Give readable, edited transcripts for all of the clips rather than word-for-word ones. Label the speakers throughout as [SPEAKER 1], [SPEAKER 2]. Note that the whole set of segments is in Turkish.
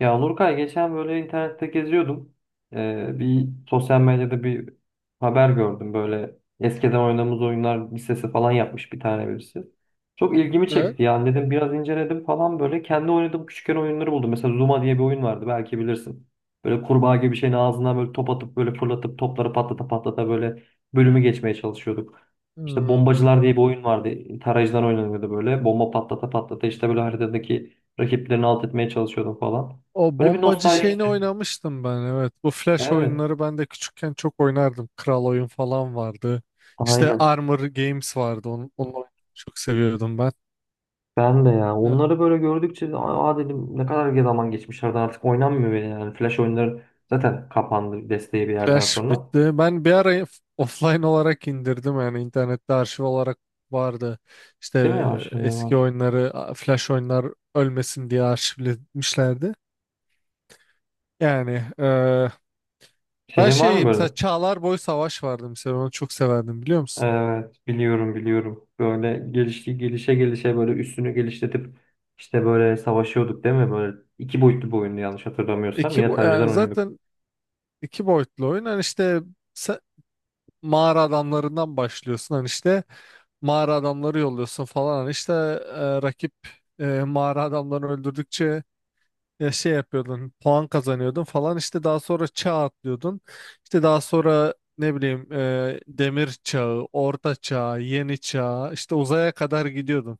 [SPEAKER 1] Ya Nurkay geçen böyle internette geziyordum. Bir sosyal medyada bir haber gördüm böyle eskiden oynadığımız oyunlar listesi falan yapmış bir tane birisi. Çok ilgimi
[SPEAKER 2] Evet.
[SPEAKER 1] çekti yani dedim biraz inceledim falan böyle kendi oynadığım küçükken oyunları buldum. Mesela Zuma diye bir oyun vardı belki bilirsin. Böyle kurbağa gibi bir şeyin ağzından böyle top atıp böyle fırlatıp topları patlata patlata böyle bölümü geçmeye çalışıyorduk. İşte
[SPEAKER 2] Hmm.
[SPEAKER 1] bombacılar diye bir oyun vardı. Tarayıcıdan oynanıyordu böyle. Bomba patlata patlata işte böyle haritadaki rakiplerini alt etmeye çalışıyordum falan.
[SPEAKER 2] O
[SPEAKER 1] Böyle bir
[SPEAKER 2] bombacı
[SPEAKER 1] nostaljik
[SPEAKER 2] şeyini
[SPEAKER 1] hissettim.
[SPEAKER 2] oynamıştım ben, evet. Bu Flash
[SPEAKER 1] Evet.
[SPEAKER 2] oyunları ben de küçükken çok oynardım. Kral oyun falan vardı. İşte
[SPEAKER 1] Aynen.
[SPEAKER 2] Armor Games vardı. Onu oynamayı çok seviyordum ben.
[SPEAKER 1] Ben de ya.
[SPEAKER 2] E,
[SPEAKER 1] Onları böyle gördükçe de, aa dedim ne kadar zaman geçmişlerden artık oynanmıyor bile yani. Flash oyunları zaten kapandı desteği bir yerden
[SPEAKER 2] Flash
[SPEAKER 1] sonra.
[SPEAKER 2] bitti. Ben bir ara offline olarak indirdim, yani internette arşiv olarak vardı. İşte
[SPEAKER 1] Değil mi ya? Şeyler
[SPEAKER 2] eski
[SPEAKER 1] var.
[SPEAKER 2] oyunları Flash oyunlar ölmesin diye arşivlemişlerdi. Yani ben
[SPEAKER 1] Senin var mı
[SPEAKER 2] şey, mesela
[SPEAKER 1] böyle?
[SPEAKER 2] Çağlar Boy Savaş vardı mesela, onu çok severdim, biliyor musun?
[SPEAKER 1] Evet. Biliyorum, biliyorum. Böyle gelişti gelişe gelişe böyle üstünü geliştirip işte böyle savaşıyorduk değil mi? Böyle iki boyutlu bir oyundu yanlış hatırlamıyorsam.
[SPEAKER 2] İki
[SPEAKER 1] Yine
[SPEAKER 2] bu
[SPEAKER 1] tarihçiden
[SPEAKER 2] yani
[SPEAKER 1] oynuyorduk.
[SPEAKER 2] zaten iki boyutlu oyun. Hani işte se- mağara adamlarından başlıyorsun. Hani işte mağara adamları yolluyorsun falan. Hani işte rakip mağara adamlarını öldürdükçe şey yapıyordun. Puan kazanıyordun falan. İşte daha sonra çağ atlıyordun. İşte daha sonra ne bileyim demir çağı, orta çağ, yeni çağ, işte uzaya kadar gidiyordun.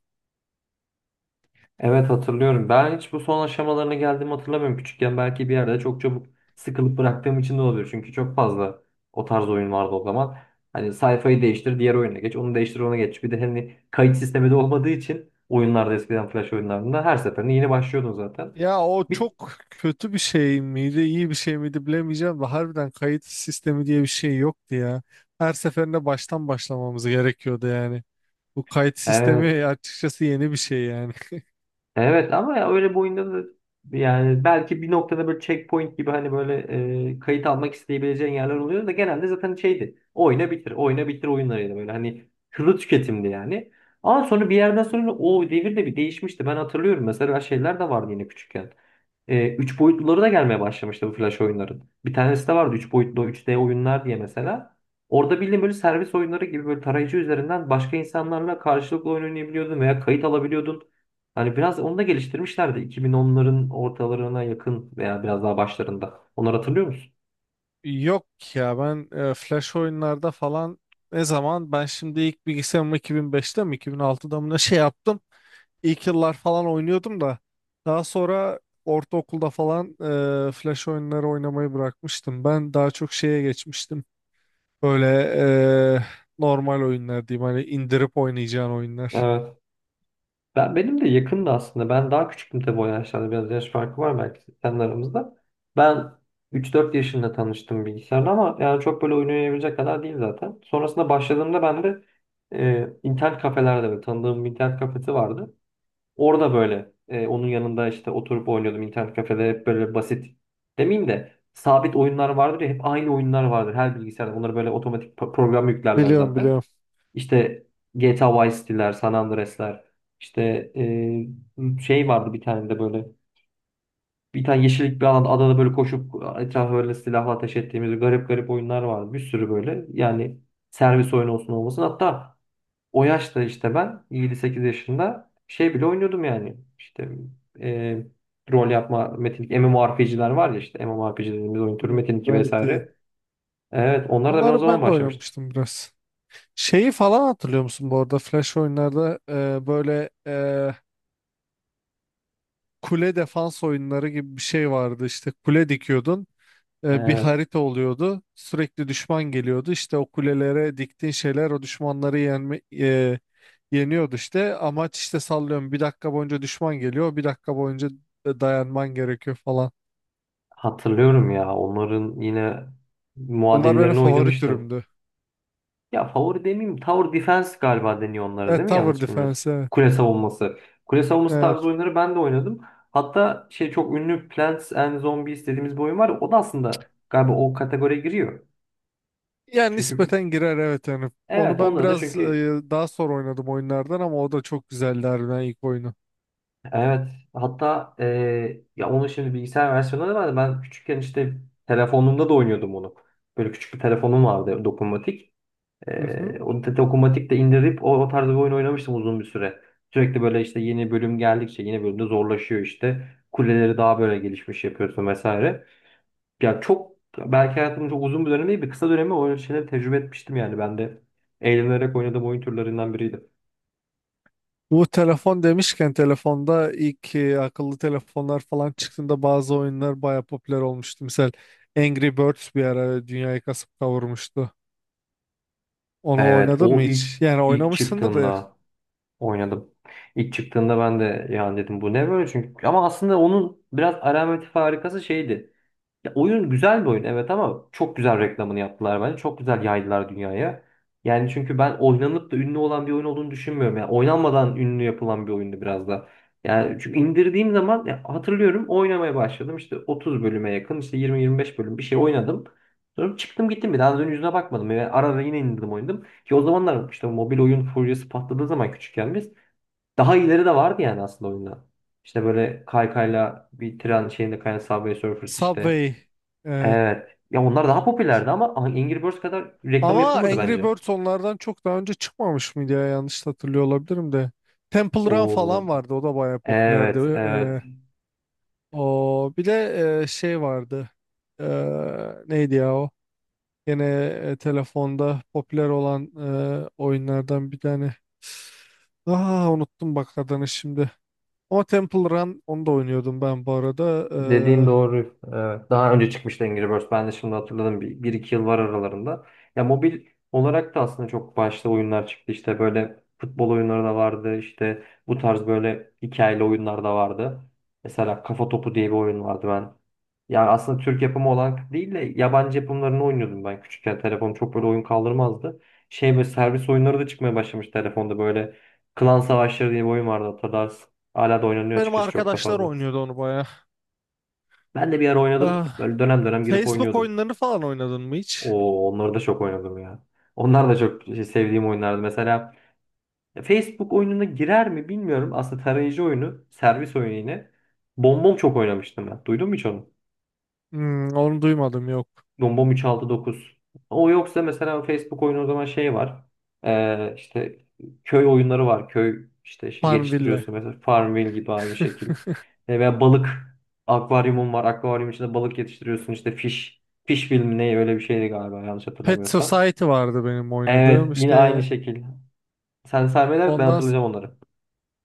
[SPEAKER 1] Evet, hatırlıyorum. Ben hiç bu son aşamalarına geldiğimi hatırlamıyorum. Küçükken belki bir yerde çok çabuk sıkılıp bıraktığım için de olabilir. Çünkü çok fazla o tarz oyun vardı o zaman. Hani sayfayı değiştir, diğer oyuna geç, onu değiştir, ona geç. Bir de hani kayıt sistemi de olmadığı için oyunlarda eskiden flash oyunlarında her seferinde yeni başlıyordun zaten.
[SPEAKER 2] Ya o
[SPEAKER 1] Bir,
[SPEAKER 2] çok kötü bir şey miydi, iyi bir şey miydi bilemeyeceğim de harbiden kayıt sistemi diye bir şey yoktu ya. Her seferinde baştan başlamamız gerekiyordu yani. Bu kayıt
[SPEAKER 1] evet.
[SPEAKER 2] sistemi açıkçası yeni bir şey yani.
[SPEAKER 1] Evet ama ya öyle bir oyunda da yani belki bir noktada böyle checkpoint gibi hani böyle kayıt almak isteyebileceğin yerler oluyor da genelde zaten şeydi. Oyna bitir, oyna bitir oyunlarıydı böyle hani hızlı tüketimdi yani. Ama sonra bir yerden sonra o devir de bir değişmişti. Ben hatırlıyorum mesela şeyler de vardı yine küçükken. Üç boyutluları da gelmeye başlamıştı bu flash oyunların. Bir tanesi de vardı üç boyutlu üç d oyunlar diye mesela. Orada bildiğin böyle servis oyunları gibi böyle tarayıcı üzerinden başka insanlarla karşılıklı oyun oynayabiliyordun veya kayıt alabiliyordun. Hani biraz onu da geliştirmişlerdi. 2010'ların ortalarına yakın veya biraz daha başlarında. Onları hatırlıyor musun?
[SPEAKER 2] Yok ya, ben flash oyunlarda falan ne zaman ben şimdi ilk bilgisayarımı 2005'te mi 2006'da mı ne şey yaptım. İlk yıllar falan oynuyordum da daha sonra ortaokulda falan flash oyunları oynamayı bırakmıştım. Ben daha çok şeye geçmiştim. Böyle eee, normal oyunlar diyeyim. Hani indirip oynayacağın oyunlar.
[SPEAKER 1] Evet. Benim de yakındı aslında. Ben daha küçüktüm tabii o yaşlarda. Biraz yaş farkı var belki senin aramızda. Ben 3-4 yaşında tanıştım bilgisayarla ama yani çok böyle oyun oynayabilecek kadar değil zaten. Sonrasında başladığımda ben de internet kafelerde böyle tanıdığım bir internet kafesi vardı. Orada böyle onun yanında işte oturup oynuyordum internet kafede hep böyle basit demeyeyim de sabit oyunlar vardır ya hep aynı oyunlar vardır her bilgisayarda. Onları böyle otomatik program yüklerler
[SPEAKER 2] Biliyorum,
[SPEAKER 1] zaten.
[SPEAKER 2] biliyorum.
[SPEAKER 1] İşte GTA Vice City'ler, San Andreas'ler işte şey vardı bir tane de böyle bir tane yeşillik bir alanda adada böyle koşup etrafa böyle silahla ateş ettiğimiz garip garip oyunlar vardı. Bir sürü böyle yani servis oyunu olsun olmasın hatta o yaşta işte ben 7-8 yaşında şey bile oynuyordum yani. İşte e, rol yapma metinlik MMORPG'ler var ya işte MMORPG dediğimiz oyun türü
[SPEAKER 2] Hmm.
[SPEAKER 1] Metin 2
[SPEAKER 2] Evet, evet.
[SPEAKER 1] vesaire. Evet onlar da ben o
[SPEAKER 2] Onları
[SPEAKER 1] zaman
[SPEAKER 2] ben de
[SPEAKER 1] başlamıştım.
[SPEAKER 2] oynamıştım biraz. Şeyi falan hatırlıyor musun bu arada? Flash oyunlarda böyle kule defans oyunları gibi bir şey vardı. İşte kule dikiyordun. Bir
[SPEAKER 1] Evet,
[SPEAKER 2] harita oluyordu. Sürekli düşman geliyordu. İşte o kulelere diktiğin şeyler o düşmanları yeniyordu işte. Amaç işte, sallıyorum, bir dakika boyunca düşman geliyor. Bir dakika boyunca dayanman gerekiyor falan.
[SPEAKER 1] hatırlıyorum ya onların yine
[SPEAKER 2] Onlar benim
[SPEAKER 1] muadillerini
[SPEAKER 2] favori
[SPEAKER 1] oynamıştım.
[SPEAKER 2] türümdü.
[SPEAKER 1] Ya favori demeyeyim, Tower Defense galiba deniyor onlara değil
[SPEAKER 2] Evet,
[SPEAKER 1] mi?
[SPEAKER 2] Tower
[SPEAKER 1] Yanlış bilmiyorsam.
[SPEAKER 2] Defense, evet.
[SPEAKER 1] Kule savunması. Kule savunması tarzı
[SPEAKER 2] Evet.
[SPEAKER 1] oyunları ben de oynadım. Hatta şey çok ünlü Plants and Zombies dediğimiz bir oyun var. O da aslında galiba o kategoriye giriyor.
[SPEAKER 2] Yani
[SPEAKER 1] Çünkü
[SPEAKER 2] nispeten girer, evet yani. Onu
[SPEAKER 1] evet
[SPEAKER 2] ben
[SPEAKER 1] onda da
[SPEAKER 2] biraz
[SPEAKER 1] çünkü
[SPEAKER 2] daha sonra oynadım oyunlardan ama o da çok güzeldi harbiden, ilk oyunu.
[SPEAKER 1] evet hatta ya onun şimdi bilgisayar versiyonları vardı. Ben küçükken işte telefonumda da oynuyordum onu. Böyle küçük bir telefonum vardı dokunmatik.
[SPEAKER 2] Hı hı.
[SPEAKER 1] Dokunmatik de indirip o tarz bir oyun oynamıştım uzun bir süre. Sürekli böyle işte yeni bölüm geldikçe yeni bölümde zorlaşıyor işte. Kuleleri daha böyle gelişmiş yapıyorsun vesaire. Ya çok belki hayatımın çok uzun bir dönemi değil bir kısa dönemi o şeyleri tecrübe etmiştim yani ben de eğlenerek oynadığım oyun türlerinden biriydi.
[SPEAKER 2] Bu telefon demişken, telefonda ilk akıllı telefonlar falan çıktığında bazı oyunlar baya popüler olmuştu. Mesela Angry Birds bir ara dünyayı kasıp kavurmuştu. Onu
[SPEAKER 1] Evet
[SPEAKER 2] oynadın mı
[SPEAKER 1] o ilk
[SPEAKER 2] hiç? Yani
[SPEAKER 1] ilk
[SPEAKER 2] oynamışsındır da.
[SPEAKER 1] çıktığında oynadım. İlk çıktığında ben de yani dedim bu ne böyle çünkü ama aslında onun biraz alameti farikası şeydi. Ya oyun güzel bir oyun evet ama çok güzel reklamını yaptılar bence. Çok güzel yaydılar dünyaya. Yani çünkü ben oynanıp da ünlü olan bir oyun olduğunu düşünmüyorum. Yani oynanmadan ünlü yapılan bir oyundu biraz da. Yani çünkü indirdiğim zaman ya hatırlıyorum oynamaya başladım. İşte 30 bölüme yakın işte 20-25 bölüm bir şey oynadım. Sonra çıktım gittim bir daha dön yüzüne bakmadım. Yani ara ara yine indirdim oynadım. Ki o zamanlar işte mobil oyun furyası patladığı zaman küçükken biz daha ileri de vardı yani aslında oyunda. İşte böyle kaykayla bir tren şeyinde kayan Subway Surfers işte.
[SPEAKER 2] Subway e,
[SPEAKER 1] Evet. Ya onlar daha popülerdi ama Angry Birds kadar reklam
[SPEAKER 2] ama
[SPEAKER 1] yapılmadı
[SPEAKER 2] Angry
[SPEAKER 1] bence.
[SPEAKER 2] Birds onlardan çok daha önce çıkmamış mıydı ya? Yanlış hatırlıyor olabilirim de. Temple Run
[SPEAKER 1] Oo.
[SPEAKER 2] falan vardı. O da bayağı popülerdi.
[SPEAKER 1] Evet, evet.
[SPEAKER 2] Ee, O bir de şey vardı. Ee, Neydi ya o? Yine telefonda popüler olan oyunlardan bir tane. Ah, unuttum bak adını şimdi. Ama Temple Run, onu da oynuyordum ben bu arada.
[SPEAKER 1] Dediğin
[SPEAKER 2] Ee,
[SPEAKER 1] doğru. Evet. Daha önce çıkmıştı Angry Birds. Ben de şimdi hatırladım. Bir iki yıl var aralarında. Ya mobil olarak da aslında çok başta oyunlar çıktı. İşte böyle futbol oyunları da vardı. İşte bu tarz böyle hikayeli oyunlar da vardı. Mesela Kafa Topu diye bir oyun vardı ben. Yani aslında Türk yapımı olan değil de yabancı yapımlarını oynuyordum ben küçükken. Telefon çok böyle oyun kaldırmazdı. Şey böyle servis oyunları da çıkmaya başlamış telefonda böyle. Klan Savaşları diye bir oyun vardı hatırlarsın. Hala da oynanıyor
[SPEAKER 2] Benim
[SPEAKER 1] açıkçası çok da
[SPEAKER 2] arkadaşlar
[SPEAKER 1] fazla.
[SPEAKER 2] oynuyordu onu bayağı.
[SPEAKER 1] Ben de bir ara oynadım.
[SPEAKER 2] Ah,
[SPEAKER 1] Böyle dönem dönem girip
[SPEAKER 2] Facebook
[SPEAKER 1] oynuyordum.
[SPEAKER 2] oyunlarını falan oynadın mı hiç?
[SPEAKER 1] Oo, onları da çok oynadım ya. Onlar da çok şey, sevdiğim oyunlardı. Mesela Facebook oyununa girer mi bilmiyorum. Aslında tarayıcı oyunu, servis oyunu yine. Bombom çok oynamıştım ben. Duydun mu hiç onu?
[SPEAKER 2] Hmm, onu duymadım, yok.
[SPEAKER 1] Dombom 369. O yoksa mesela Facebook oyunu o zaman şey var. İşte köy oyunları var. Köy işte şey
[SPEAKER 2] Farmville.
[SPEAKER 1] geliştiriyorsun mesela Farmville gibi aynı şekil. Veya balık akvaryumun var. Akvaryum içinde balık yetiştiriyorsun. İşte fish fish film ne öyle bir şeydi galiba yanlış
[SPEAKER 2] Pet
[SPEAKER 1] hatırlamıyorsam.
[SPEAKER 2] Society vardı benim
[SPEAKER 1] Evet
[SPEAKER 2] oynadığım.
[SPEAKER 1] yine aynı
[SPEAKER 2] İşte
[SPEAKER 1] şekil. Sen saymaya devam et, ben
[SPEAKER 2] ondan
[SPEAKER 1] hatırlayacağım onları.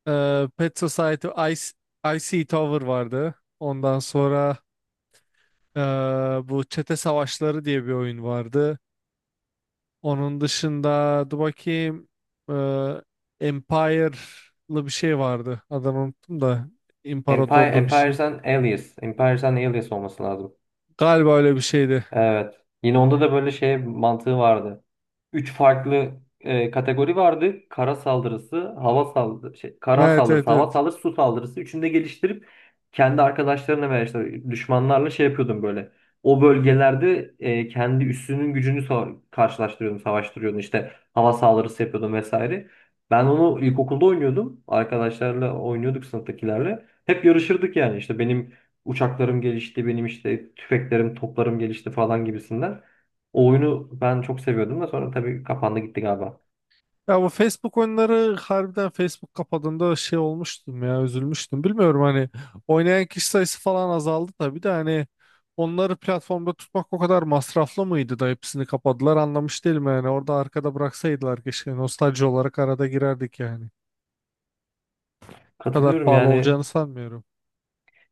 [SPEAKER 2] Pet Society, Icy Tower vardı. Ondan sonra e, bu Çete Savaşları diye bir oyun vardı. Onun dışında dur bakayım, e, Empire'lı bir şey vardı. Adını unuttum da,
[SPEAKER 1] Empire,
[SPEAKER 2] imparatorluğu bir şey.
[SPEAKER 1] Empires and Aliens. Empires and Aliens olması lazım.
[SPEAKER 2] Galiba öyle bir şeydi.
[SPEAKER 1] Evet. Yine onda da böyle şey mantığı vardı. Üç farklı kategori vardı. Kara saldırısı, hava saldırısı, şey, kara
[SPEAKER 2] Evet,
[SPEAKER 1] saldırısı,
[SPEAKER 2] evet,
[SPEAKER 1] hava
[SPEAKER 2] evet.
[SPEAKER 1] saldırısı, su saldırısı. Üçünü de geliştirip kendi arkadaşlarına veya işte düşmanlarla şey yapıyordum böyle. O bölgelerde kendi üssünün gücünü karşılaştırıyordum, savaştırıyordum. İşte hava saldırısı yapıyordum vesaire. Ben onu ilkokulda oynuyordum. Arkadaşlarla oynuyorduk sınıftakilerle. Hep yarışırdık yani. İşte benim uçaklarım gelişti, benim işte tüfeklerim, toplarım gelişti falan gibisinden. O oyunu ben çok seviyordum da sonra tabii kapandı gitti galiba.
[SPEAKER 2] Ya bu Facebook oyunları, harbiden Facebook kapadığında şey olmuştum ya, üzülmüştüm. Bilmiyorum, hani oynayan kişi sayısı falan azaldı tabii de, hani onları platformda tutmak o kadar masraflı mıydı da hepsini kapadılar, anlamış değilim yani. Orada arkada bıraksaydılar keşke, nostalji olarak arada girerdik yani. O kadar
[SPEAKER 1] Katılıyorum
[SPEAKER 2] pahalı
[SPEAKER 1] yani.
[SPEAKER 2] olacağını sanmıyorum.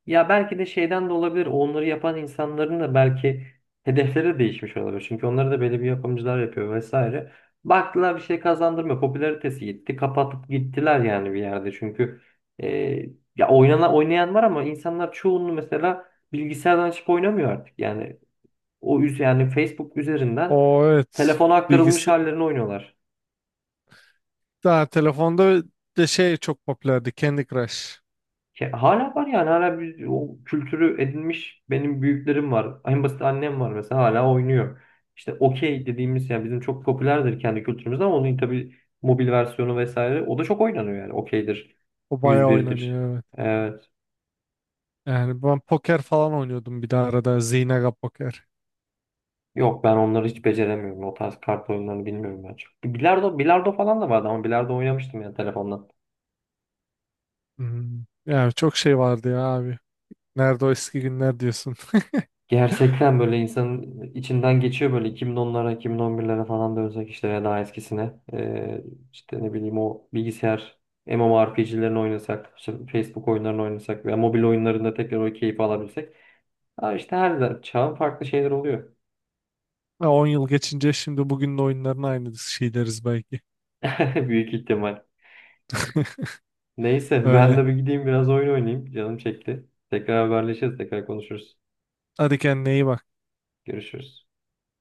[SPEAKER 1] Ya belki de şeyden de olabilir. Onları yapan insanların da belki hedefleri de değişmiş olabilir. Çünkü onları da belli bir yapımcılar yapıyor vesaire. Baktılar bir şey kazandırmıyor. Popülaritesi gitti. Kapatıp gittiler yani bir yerde. Çünkü e, ya oynanan oynayan var ama insanlar çoğunluğu mesela bilgisayardan açıp oynamıyor artık. Yani o üz yani Facebook üzerinden
[SPEAKER 2] O evet,
[SPEAKER 1] telefona aktarılmış
[SPEAKER 2] bilgisi
[SPEAKER 1] hallerini oynuyorlar.
[SPEAKER 2] daha telefonda de şey çok popülerdi, Candy Crush.
[SPEAKER 1] Ya hala var yani hala o kültürü edinmiş benim büyüklerim var. En basit annem var mesela hala oynuyor. İşte okey dediğimiz yani bizim çok popülerdir kendi kültürümüzde ama onun tabii mobil versiyonu vesaire o da çok oynanıyor yani okeydir.
[SPEAKER 2] O
[SPEAKER 1] Yüz
[SPEAKER 2] bayağı
[SPEAKER 1] birdir.
[SPEAKER 2] oynanıyor, evet.
[SPEAKER 1] Evet.
[SPEAKER 2] Yani ben poker falan oynuyordum bir de arada, Zynga poker.
[SPEAKER 1] Yok ben onları hiç beceremiyorum. O tarz kart oyunlarını bilmiyorum ben çok. Bilardo, bilardo falan da vardı ama bilardo oynamıştım yani telefondan.
[SPEAKER 2] Hmm. Ya çok şey vardı ya abi. Nerede o eski günler diyorsun.
[SPEAKER 1] Gerçekten böyle insanın içinden geçiyor böyle 2010'lara, 2011'lere falan dönsek işte ya daha eskisine. İşte ne bileyim o bilgisayar MMORPG'lerini oynasak, işte Facebook oyunlarını oynasak veya mobil oyunlarında tekrar o keyfi alabilsek. Ha işte her çağın farklı şeyler oluyor.
[SPEAKER 2] Ha, 10 yıl geçince şimdi bugünün oyunlarına aynı şey deriz belki.
[SPEAKER 1] Büyük ihtimal. Neyse ben
[SPEAKER 2] Öyle.
[SPEAKER 1] de bir gideyim biraz oyun oynayayım. Canım çekti. Tekrar haberleşiriz, tekrar konuşuruz.
[SPEAKER 2] Hadi kendine iyi bak.
[SPEAKER 1] Görüşürüz.